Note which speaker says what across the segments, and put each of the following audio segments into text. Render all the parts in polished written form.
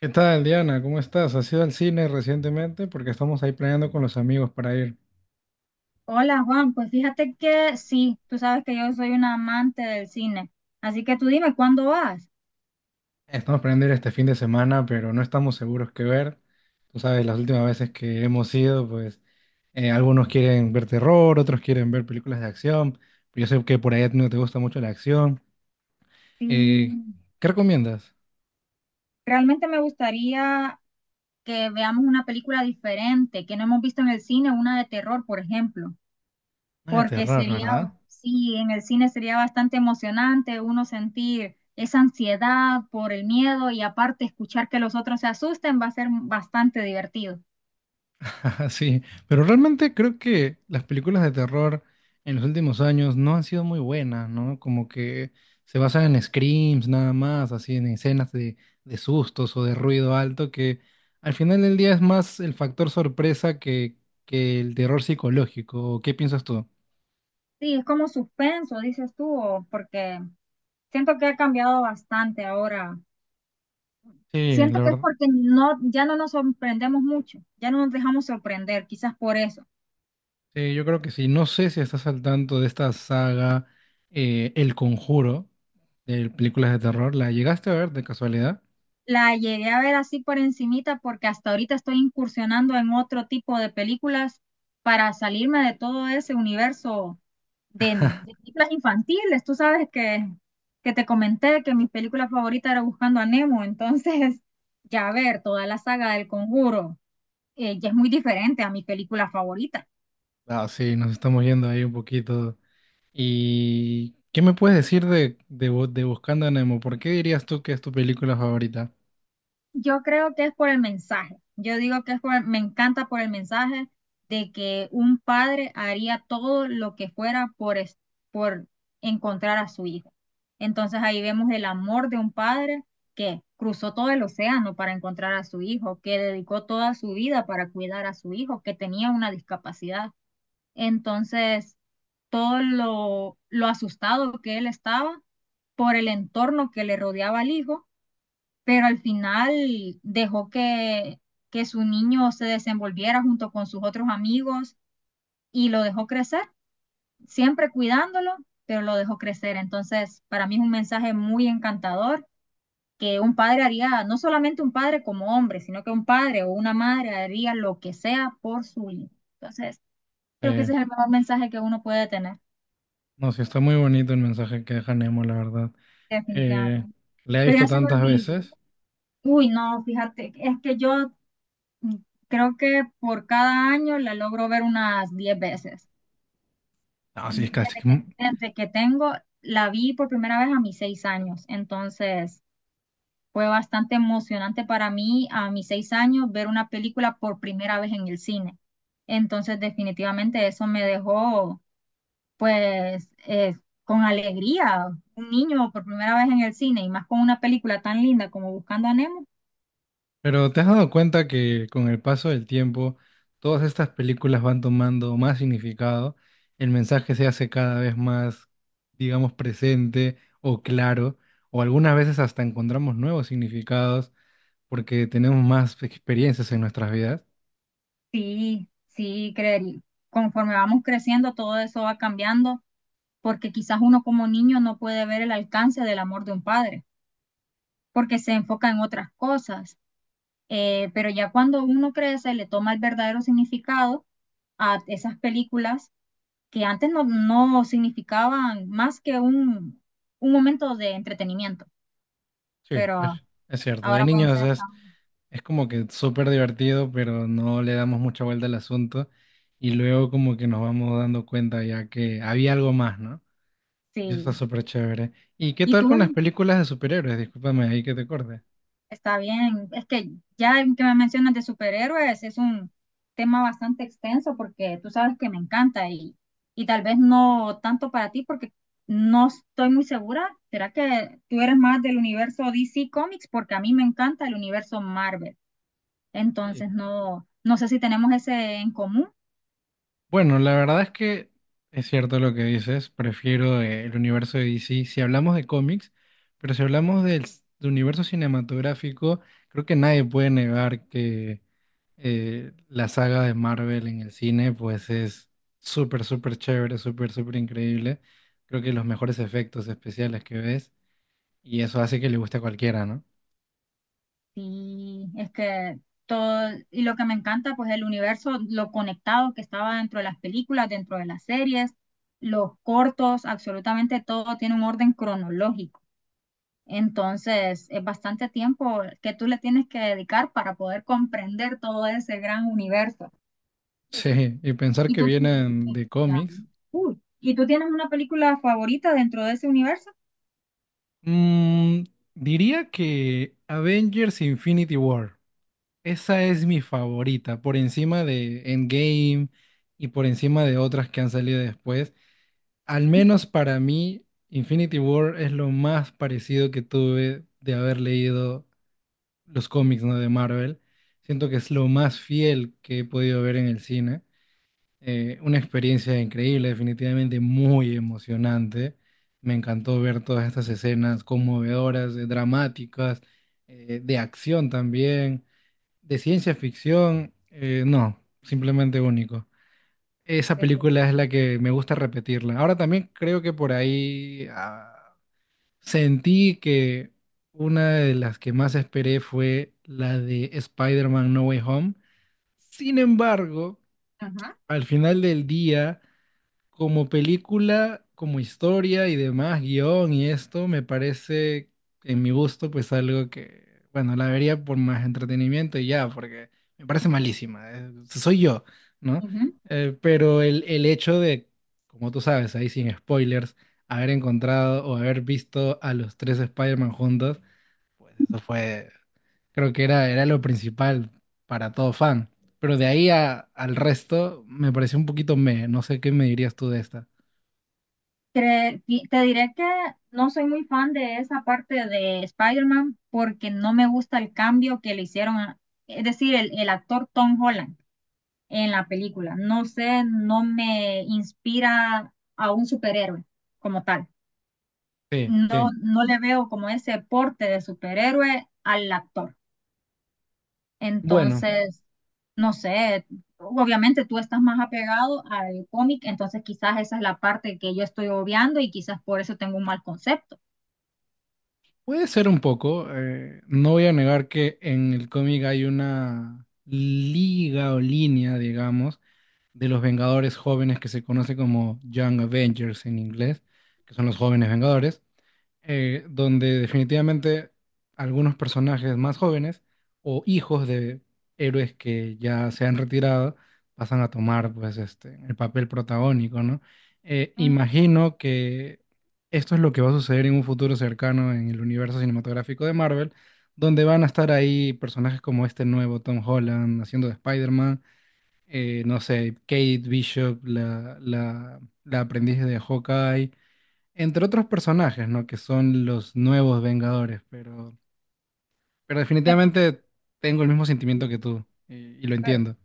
Speaker 1: ¿Qué tal, Diana? ¿Cómo estás? ¿Has ido al cine recientemente? Porque estamos ahí planeando con los amigos para ir.
Speaker 2: Hola Juan, pues fíjate que sí, tú sabes que yo soy una amante del cine, así que tú dime cuándo vas.
Speaker 1: Estamos planeando ir este fin de semana, pero no estamos seguros qué ver. Tú sabes, las últimas veces que hemos ido, pues algunos quieren ver terror, otros quieren ver películas de acción. Pero yo sé que por ahí a ti no te gusta mucho la acción. Eh,
Speaker 2: Sí,
Speaker 1: ¿Qué recomiendas?
Speaker 2: realmente me gustaría que veamos una película diferente, que no hemos visto en el cine, una de terror, por ejemplo,
Speaker 1: Nada de
Speaker 2: porque
Speaker 1: terror,
Speaker 2: sería,
Speaker 1: ¿verdad?
Speaker 2: sí, en el cine sería bastante emocionante uno sentir esa ansiedad por el miedo y aparte escuchar que los otros se asusten va a ser bastante divertido.
Speaker 1: Ajá, sí, pero realmente creo que las películas de terror en los últimos años no han sido muy buenas, ¿no? Como que se basan en screams nada más, así en escenas de sustos o de ruido alto, que al final del día es más el factor sorpresa que el terror psicológico. ¿O ¿Qué piensas tú?
Speaker 2: Sí, es como suspenso, dices tú, o porque siento que ha cambiado bastante ahora.
Speaker 1: Sí, la
Speaker 2: Siento que es
Speaker 1: verdad.
Speaker 2: porque no, ya no nos sorprendemos mucho, ya no nos dejamos sorprender, quizás por eso.
Speaker 1: Sí, yo creo que sí. No sé si estás al tanto de esta saga, El Conjuro, de películas de terror. ¿La llegaste a ver de casualidad?
Speaker 2: La llegué a ver así por encimita porque hasta ahorita estoy incursionando en otro tipo de películas para salirme de todo ese universo de películas infantiles. Tú sabes que te comenté que mi película favorita era Buscando a Nemo, entonces ya ver toda la saga del Conjuro ya es muy diferente a mi película favorita.
Speaker 1: Ah, sí, nos estamos yendo ahí un poquito. ¿Y qué me puedes decir de Buscando a Nemo? ¿Por qué dirías tú que es tu película favorita?
Speaker 2: Yo creo que es por el mensaje. Yo digo que es por, me encanta por el mensaje de que un padre haría todo lo que fuera por, por encontrar a su hijo. Entonces ahí vemos el amor de un padre que cruzó todo el océano para encontrar a su hijo, que dedicó toda su vida para cuidar a su hijo, que tenía una discapacidad. Entonces, todo lo asustado que él estaba por el entorno que le rodeaba al hijo, pero al final dejó que su niño se desenvolviera junto con sus otros amigos y lo dejó crecer, siempre cuidándolo, pero lo dejó crecer. Entonces, para mí es un mensaje muy encantador que un padre haría, no solamente un padre como hombre, sino que un padre o una madre haría lo que sea por su hijo. Entonces, creo que
Speaker 1: Eh,
Speaker 2: ese es el mejor mensaje que uno puede tener,
Speaker 1: no, sí, está muy bonito el mensaje que deja Nemo, la verdad. Eh,
Speaker 2: definitivamente.
Speaker 1: la he
Speaker 2: Pero
Speaker 1: visto
Speaker 2: ya se me
Speaker 1: tantas
Speaker 2: olvidó.
Speaker 1: veces.
Speaker 2: Uy, no, fíjate, es que yo Mm, creo que por cada año la logro ver unas 10 veces.
Speaker 1: No, sí, es casi.
Speaker 2: Desde que,
Speaker 1: que-
Speaker 2: desde que tengo, la vi por primera vez a mis 6 años, entonces fue bastante emocionante para mí a mis 6 años ver una película por primera vez en el cine. Entonces definitivamente eso me dejó pues con alegría. Un niño por primera vez en el cine y más con una película tan linda como Buscando a Nemo,
Speaker 1: Pero ¿te has dado cuenta que con el paso del tiempo todas estas películas van tomando más significado? El mensaje se hace cada vez más, digamos, presente o claro, o algunas veces hasta encontramos nuevos significados, porque tenemos más experiencias en nuestras vidas.
Speaker 2: sí, sí, creería conforme vamos creciendo, todo eso va cambiando porque quizás uno como niño no puede ver el alcance del amor de un padre, porque se enfoca en otras cosas. Pero ya cuando uno crece, le toma el verdadero significado a esas películas que antes no significaban más que un momento de entretenimiento,
Speaker 1: Sí, es,
Speaker 2: pero
Speaker 1: es cierto. De
Speaker 2: ahora pueden
Speaker 1: niños
Speaker 2: ser hasta...
Speaker 1: es como que súper divertido, pero no le damos mucha vuelta al asunto. Y luego como que nos vamos dando cuenta ya que había algo más, ¿no? Y eso está
Speaker 2: Sí.
Speaker 1: súper chévere. ¿Y qué
Speaker 2: ¿Y
Speaker 1: tal
Speaker 2: tú
Speaker 1: con las películas de superhéroes? Discúlpame ahí que te corte.
Speaker 2: Está bien, es que ya el que me mencionas de superhéroes es un tema bastante extenso porque tú sabes que me encanta y tal vez no tanto para ti porque no estoy muy segura. ¿Será que tú eres más del universo DC Comics? Porque a mí me encanta el universo Marvel.
Speaker 1: Sí.
Speaker 2: Entonces no, no sé si tenemos ese en común.
Speaker 1: Bueno, la verdad es que es cierto lo que dices. Prefiero el universo de DC si hablamos de cómics, pero si hablamos del universo cinematográfico, creo que nadie puede negar que la saga de Marvel en el cine, pues es súper, súper chévere, súper, súper increíble. Creo que los mejores efectos especiales que ves, y eso hace que le guste a cualquiera, ¿no?
Speaker 2: Sí, es que todo, y lo que me encanta, pues el universo, lo conectado que estaba dentro de las películas, dentro de las series, los cortos, absolutamente todo tiene un orden cronológico. Entonces, es bastante tiempo que tú le tienes que dedicar para poder comprender todo ese gran universo.
Speaker 1: Sí, y pensar
Speaker 2: Y
Speaker 1: que
Speaker 2: tú,
Speaker 1: vienen de cómics.
Speaker 2: Uy, ¿y tú tienes una película favorita dentro de ese universo?
Speaker 1: Mm, diría que Avengers Infinity War. Esa es mi favorita, por encima de Endgame y por encima de otras que han salido después. Al
Speaker 2: Ujú,
Speaker 1: menos para mí, Infinity War es lo más parecido que tuve de haber leído los cómics, ¿no? De Marvel. Siento que es lo más fiel que he podido ver en el cine. Una experiencia increíble, definitivamente muy emocionante. Me encantó ver todas estas escenas conmovedoras, dramáticas, de acción también, de ciencia ficción. No, simplemente único. Esa película es la
Speaker 2: definitivamente.
Speaker 1: que me gusta repetirla. Ahora también creo que por ahí sentí que una de las que más esperé fue la de Spider-Man No Way Home. Sin embargo,
Speaker 2: Ajá.
Speaker 1: al final del día... Como película, como historia y demás, guión y esto, me parece, en mi gusto, pues algo que, bueno, la vería por más entretenimiento y ya, porque me parece malísima, soy yo, ¿no?
Speaker 2: Ujú.
Speaker 1: Pero el hecho de, como tú sabes, ahí sin spoilers, haber encontrado o haber visto a los tres Spider-Man juntos, pues eso fue, creo que era lo principal para todo fan. Pero de ahí al resto, me pareció un poquito meh, no sé qué me dirías tú de esta.
Speaker 2: Te diré que no soy muy fan de esa parte de Spider-Man porque no me gusta el cambio que le hicieron, es decir, el actor Tom Holland en la película. No sé, no me inspira a un superhéroe como tal.
Speaker 1: Sí,
Speaker 2: No,
Speaker 1: sí.
Speaker 2: no le veo como ese porte de superhéroe al actor.
Speaker 1: Bueno,
Speaker 2: Entonces, no sé, obviamente tú estás más apegado al cómic, entonces quizás esa es la parte que yo estoy obviando y quizás por eso tengo un mal concepto.
Speaker 1: puede ser un poco. No voy a negar que en el cómic hay una liga o línea, digamos, de los Vengadores jóvenes que se conoce como Young Avengers en inglés, que son los jóvenes Vengadores. Donde definitivamente algunos personajes más jóvenes o hijos de héroes que ya se han retirado pasan a tomar pues este el papel protagónico, ¿no?
Speaker 2: Mm,
Speaker 1: Imagino que esto es lo que va a suceder en un futuro cercano en el universo cinematográfico de Marvel, donde van a estar ahí personajes como este nuevo Tom Holland haciendo de Spider-Man, no sé, Kate Bishop, la aprendiz de Hawkeye entre otros personajes, ¿no? Que son los nuevos Vengadores, pero
Speaker 2: que te-
Speaker 1: definitivamente tengo el mismo sentimiento
Speaker 2: sí,
Speaker 1: que tú y lo
Speaker 2: Pero
Speaker 1: entiendo.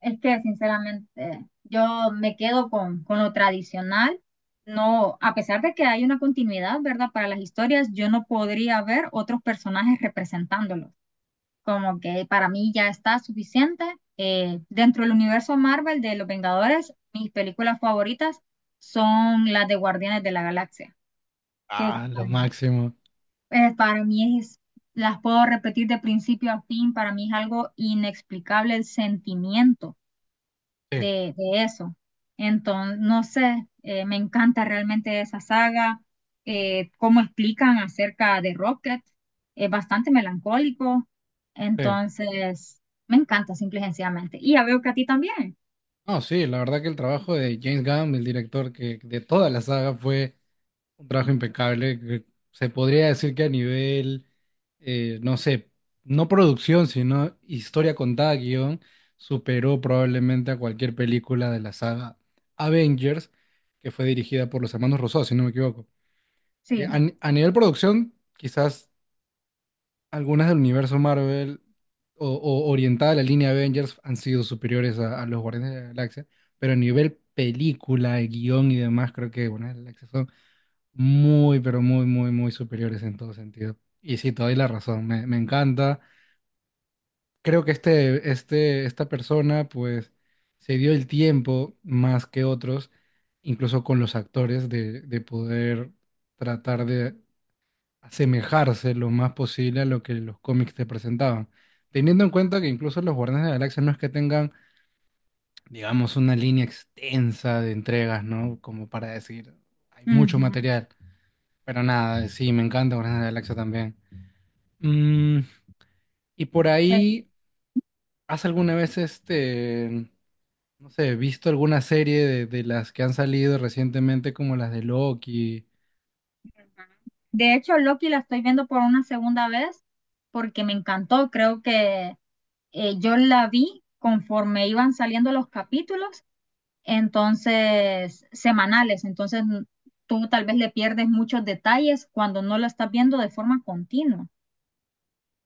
Speaker 2: es que sinceramente yo me quedo con lo tradicional. No, a pesar de que hay una continuidad, ¿verdad? Para las historias, yo no podría ver otros personajes representándolos. Como que para mí ya está suficiente. Dentro del universo Marvel de Los Vengadores, mis películas favoritas son las de Guardianes de la Galaxia, que
Speaker 1: Ah, lo máximo.
Speaker 2: para mí es, las puedo repetir de principio a fin, para mí es algo inexplicable el sentimiento
Speaker 1: Sí,
Speaker 2: de eso. Entonces, no sé, me encanta realmente esa saga, cómo explican acerca de Rocket, es bastante melancólico,
Speaker 1: sí.
Speaker 2: entonces me encanta simple y sencillamente. Y ya veo que a ti también,
Speaker 1: No, sí, la verdad que el trabajo de James Gunn, el director que de toda la saga, fue un trabajo impecable. Que se podría decir que a nivel, no sé, no producción, sino historia contada, guión, superó probablemente a cualquier película de la saga Avengers, que fue dirigida por los hermanos Rousseau, si no me equivoco. A,
Speaker 2: sí.
Speaker 1: ni- a nivel producción, quizás algunas del universo Marvel o orientada a la línea Avengers han sido superiores a los Guardianes de la Galaxia, pero a nivel película, guión y demás, creo que bueno, muy, pero muy, muy, muy superiores en todo sentido. Y sí, te doy la razón, me encanta. Creo que esta persona, pues, se dio el tiempo más que otros, incluso con los actores, de poder tratar de asemejarse lo más posible a lo que los cómics te presentaban. Teniendo en cuenta que incluso los Guardianes de la Galaxia no es que tengan, digamos, una línea extensa de entregas, ¿no? Como para decir, hay mucho
Speaker 2: Ujú.
Speaker 1: material. Pero nada, sí, me encanta Guardianes de la Galaxia también. Mm, y por
Speaker 2: Pues,
Speaker 1: ahí, ¿has alguna vez este, no sé, visto alguna serie de las que han salido recientemente como las de Loki?
Speaker 2: de hecho, Loki la estoy viendo por una segunda vez porque me encantó, creo que yo la vi conforme iban saliendo los capítulos, entonces semanales, entonces tú tal vez le pierdes muchos detalles cuando no la estás viendo de forma continua.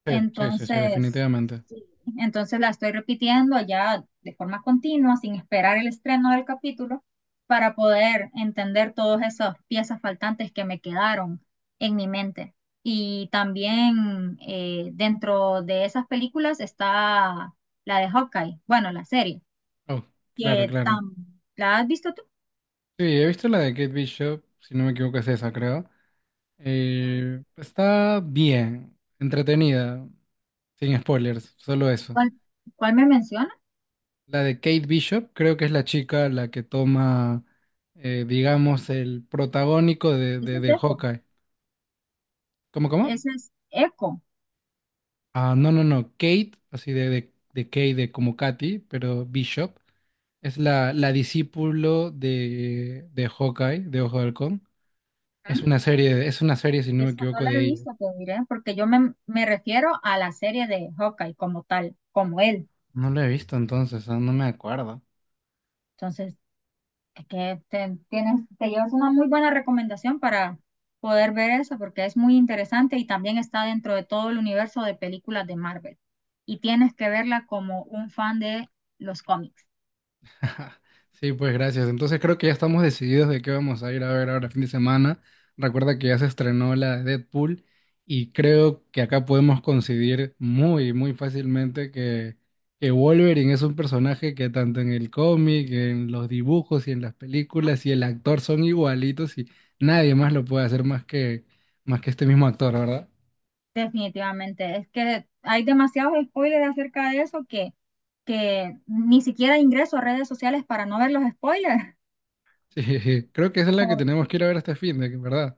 Speaker 1: Sí, sí, sí, sí,
Speaker 2: Entonces,
Speaker 1: definitivamente.
Speaker 2: sí, entonces la estoy repitiendo ya de forma continua, sin esperar el estreno del capítulo, para poder entender todas esas piezas faltantes que me quedaron en mi mente. Y también dentro de esas películas está la de Hawkeye, bueno, la serie,
Speaker 1: Oh, claro,
Speaker 2: que
Speaker 1: claro.
Speaker 2: tam- ¿la has visto tú?
Speaker 1: Sí, he visto la de Kate Bishop, si no me equivoco es esa, creo. Está bien, entretenida, sin spoilers, solo eso.
Speaker 2: ¿Cuál, cuál me menciona?
Speaker 1: La de Kate Bishop, creo que es la chica la que toma, digamos, el protagónico de,
Speaker 2: Ese
Speaker 1: de,
Speaker 2: es
Speaker 1: de
Speaker 2: Echo.
Speaker 1: Hawkeye. ¿Cómo, cómo?
Speaker 2: Ese es Echo.
Speaker 1: Ah, no, no, no. Kate, así de Kate, de como Katy, pero Bishop, es la discípulo de Hawkeye, de Ojo de Halcón. Es una serie, si no me
Speaker 2: Eso no
Speaker 1: equivoco,
Speaker 2: lo he
Speaker 1: de ella.
Speaker 2: visto, pues miré, porque yo me refiero a la serie de Hawkeye como tal, como él.
Speaker 1: No la he visto entonces, ah, no me acuerdo.
Speaker 2: Entonces, es que te llevas una muy buena recomendación para poder ver eso, porque es muy interesante y también está dentro de todo el universo de películas de Marvel. Y tienes que verla como un fan de los cómics,
Speaker 1: Sí, pues gracias. Entonces creo que ya estamos decididos de qué vamos a ir a ver ahora fin de semana. Recuerda que ya se estrenó la de Deadpool y creo que acá podemos coincidir muy, muy fácilmente que Wolverine es un personaje que tanto en el cómic, en los dibujos y en las películas y el actor son igualitos y nadie más lo puede hacer más que este mismo actor, ¿verdad?
Speaker 2: definitivamente. Es que hay demasiados spoilers acerca de eso que ni siquiera ingreso a redes sociales para no ver los spoilers
Speaker 1: Sí, creo que esa es la que tenemos que ir a ver este fin de, ¿verdad?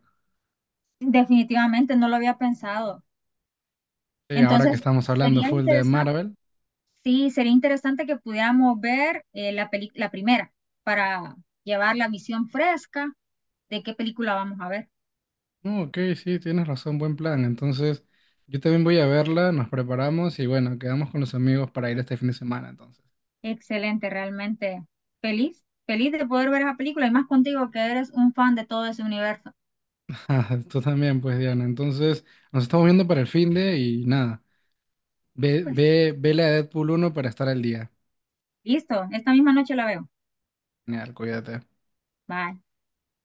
Speaker 2: Definitivamente, no lo había pensado.
Speaker 1: Sí, ahora que
Speaker 2: Entonces,
Speaker 1: estamos hablando
Speaker 2: sería
Speaker 1: full de
Speaker 2: interesante,
Speaker 1: Marvel.
Speaker 2: sí, sería interesante que pudiéramos ver la primera para llevar la visión fresca de qué película vamos a ver.
Speaker 1: No, ok, sí, tienes razón, buen plan. Entonces, yo también voy a verla, nos preparamos y bueno, quedamos con los amigos para ir este fin de semana, entonces.
Speaker 2: Excelente, realmente feliz, feliz de poder ver esa película y más contigo que eres un fan de todo ese universo.
Speaker 1: Ah, tú también, pues, Diana. Entonces, nos estamos viendo para el fin de y nada,
Speaker 2: Pues
Speaker 1: vele a Deadpool uno para estar al día.
Speaker 2: listo, esta misma noche la veo.
Speaker 1: Genial, cuídate.
Speaker 2: Bye.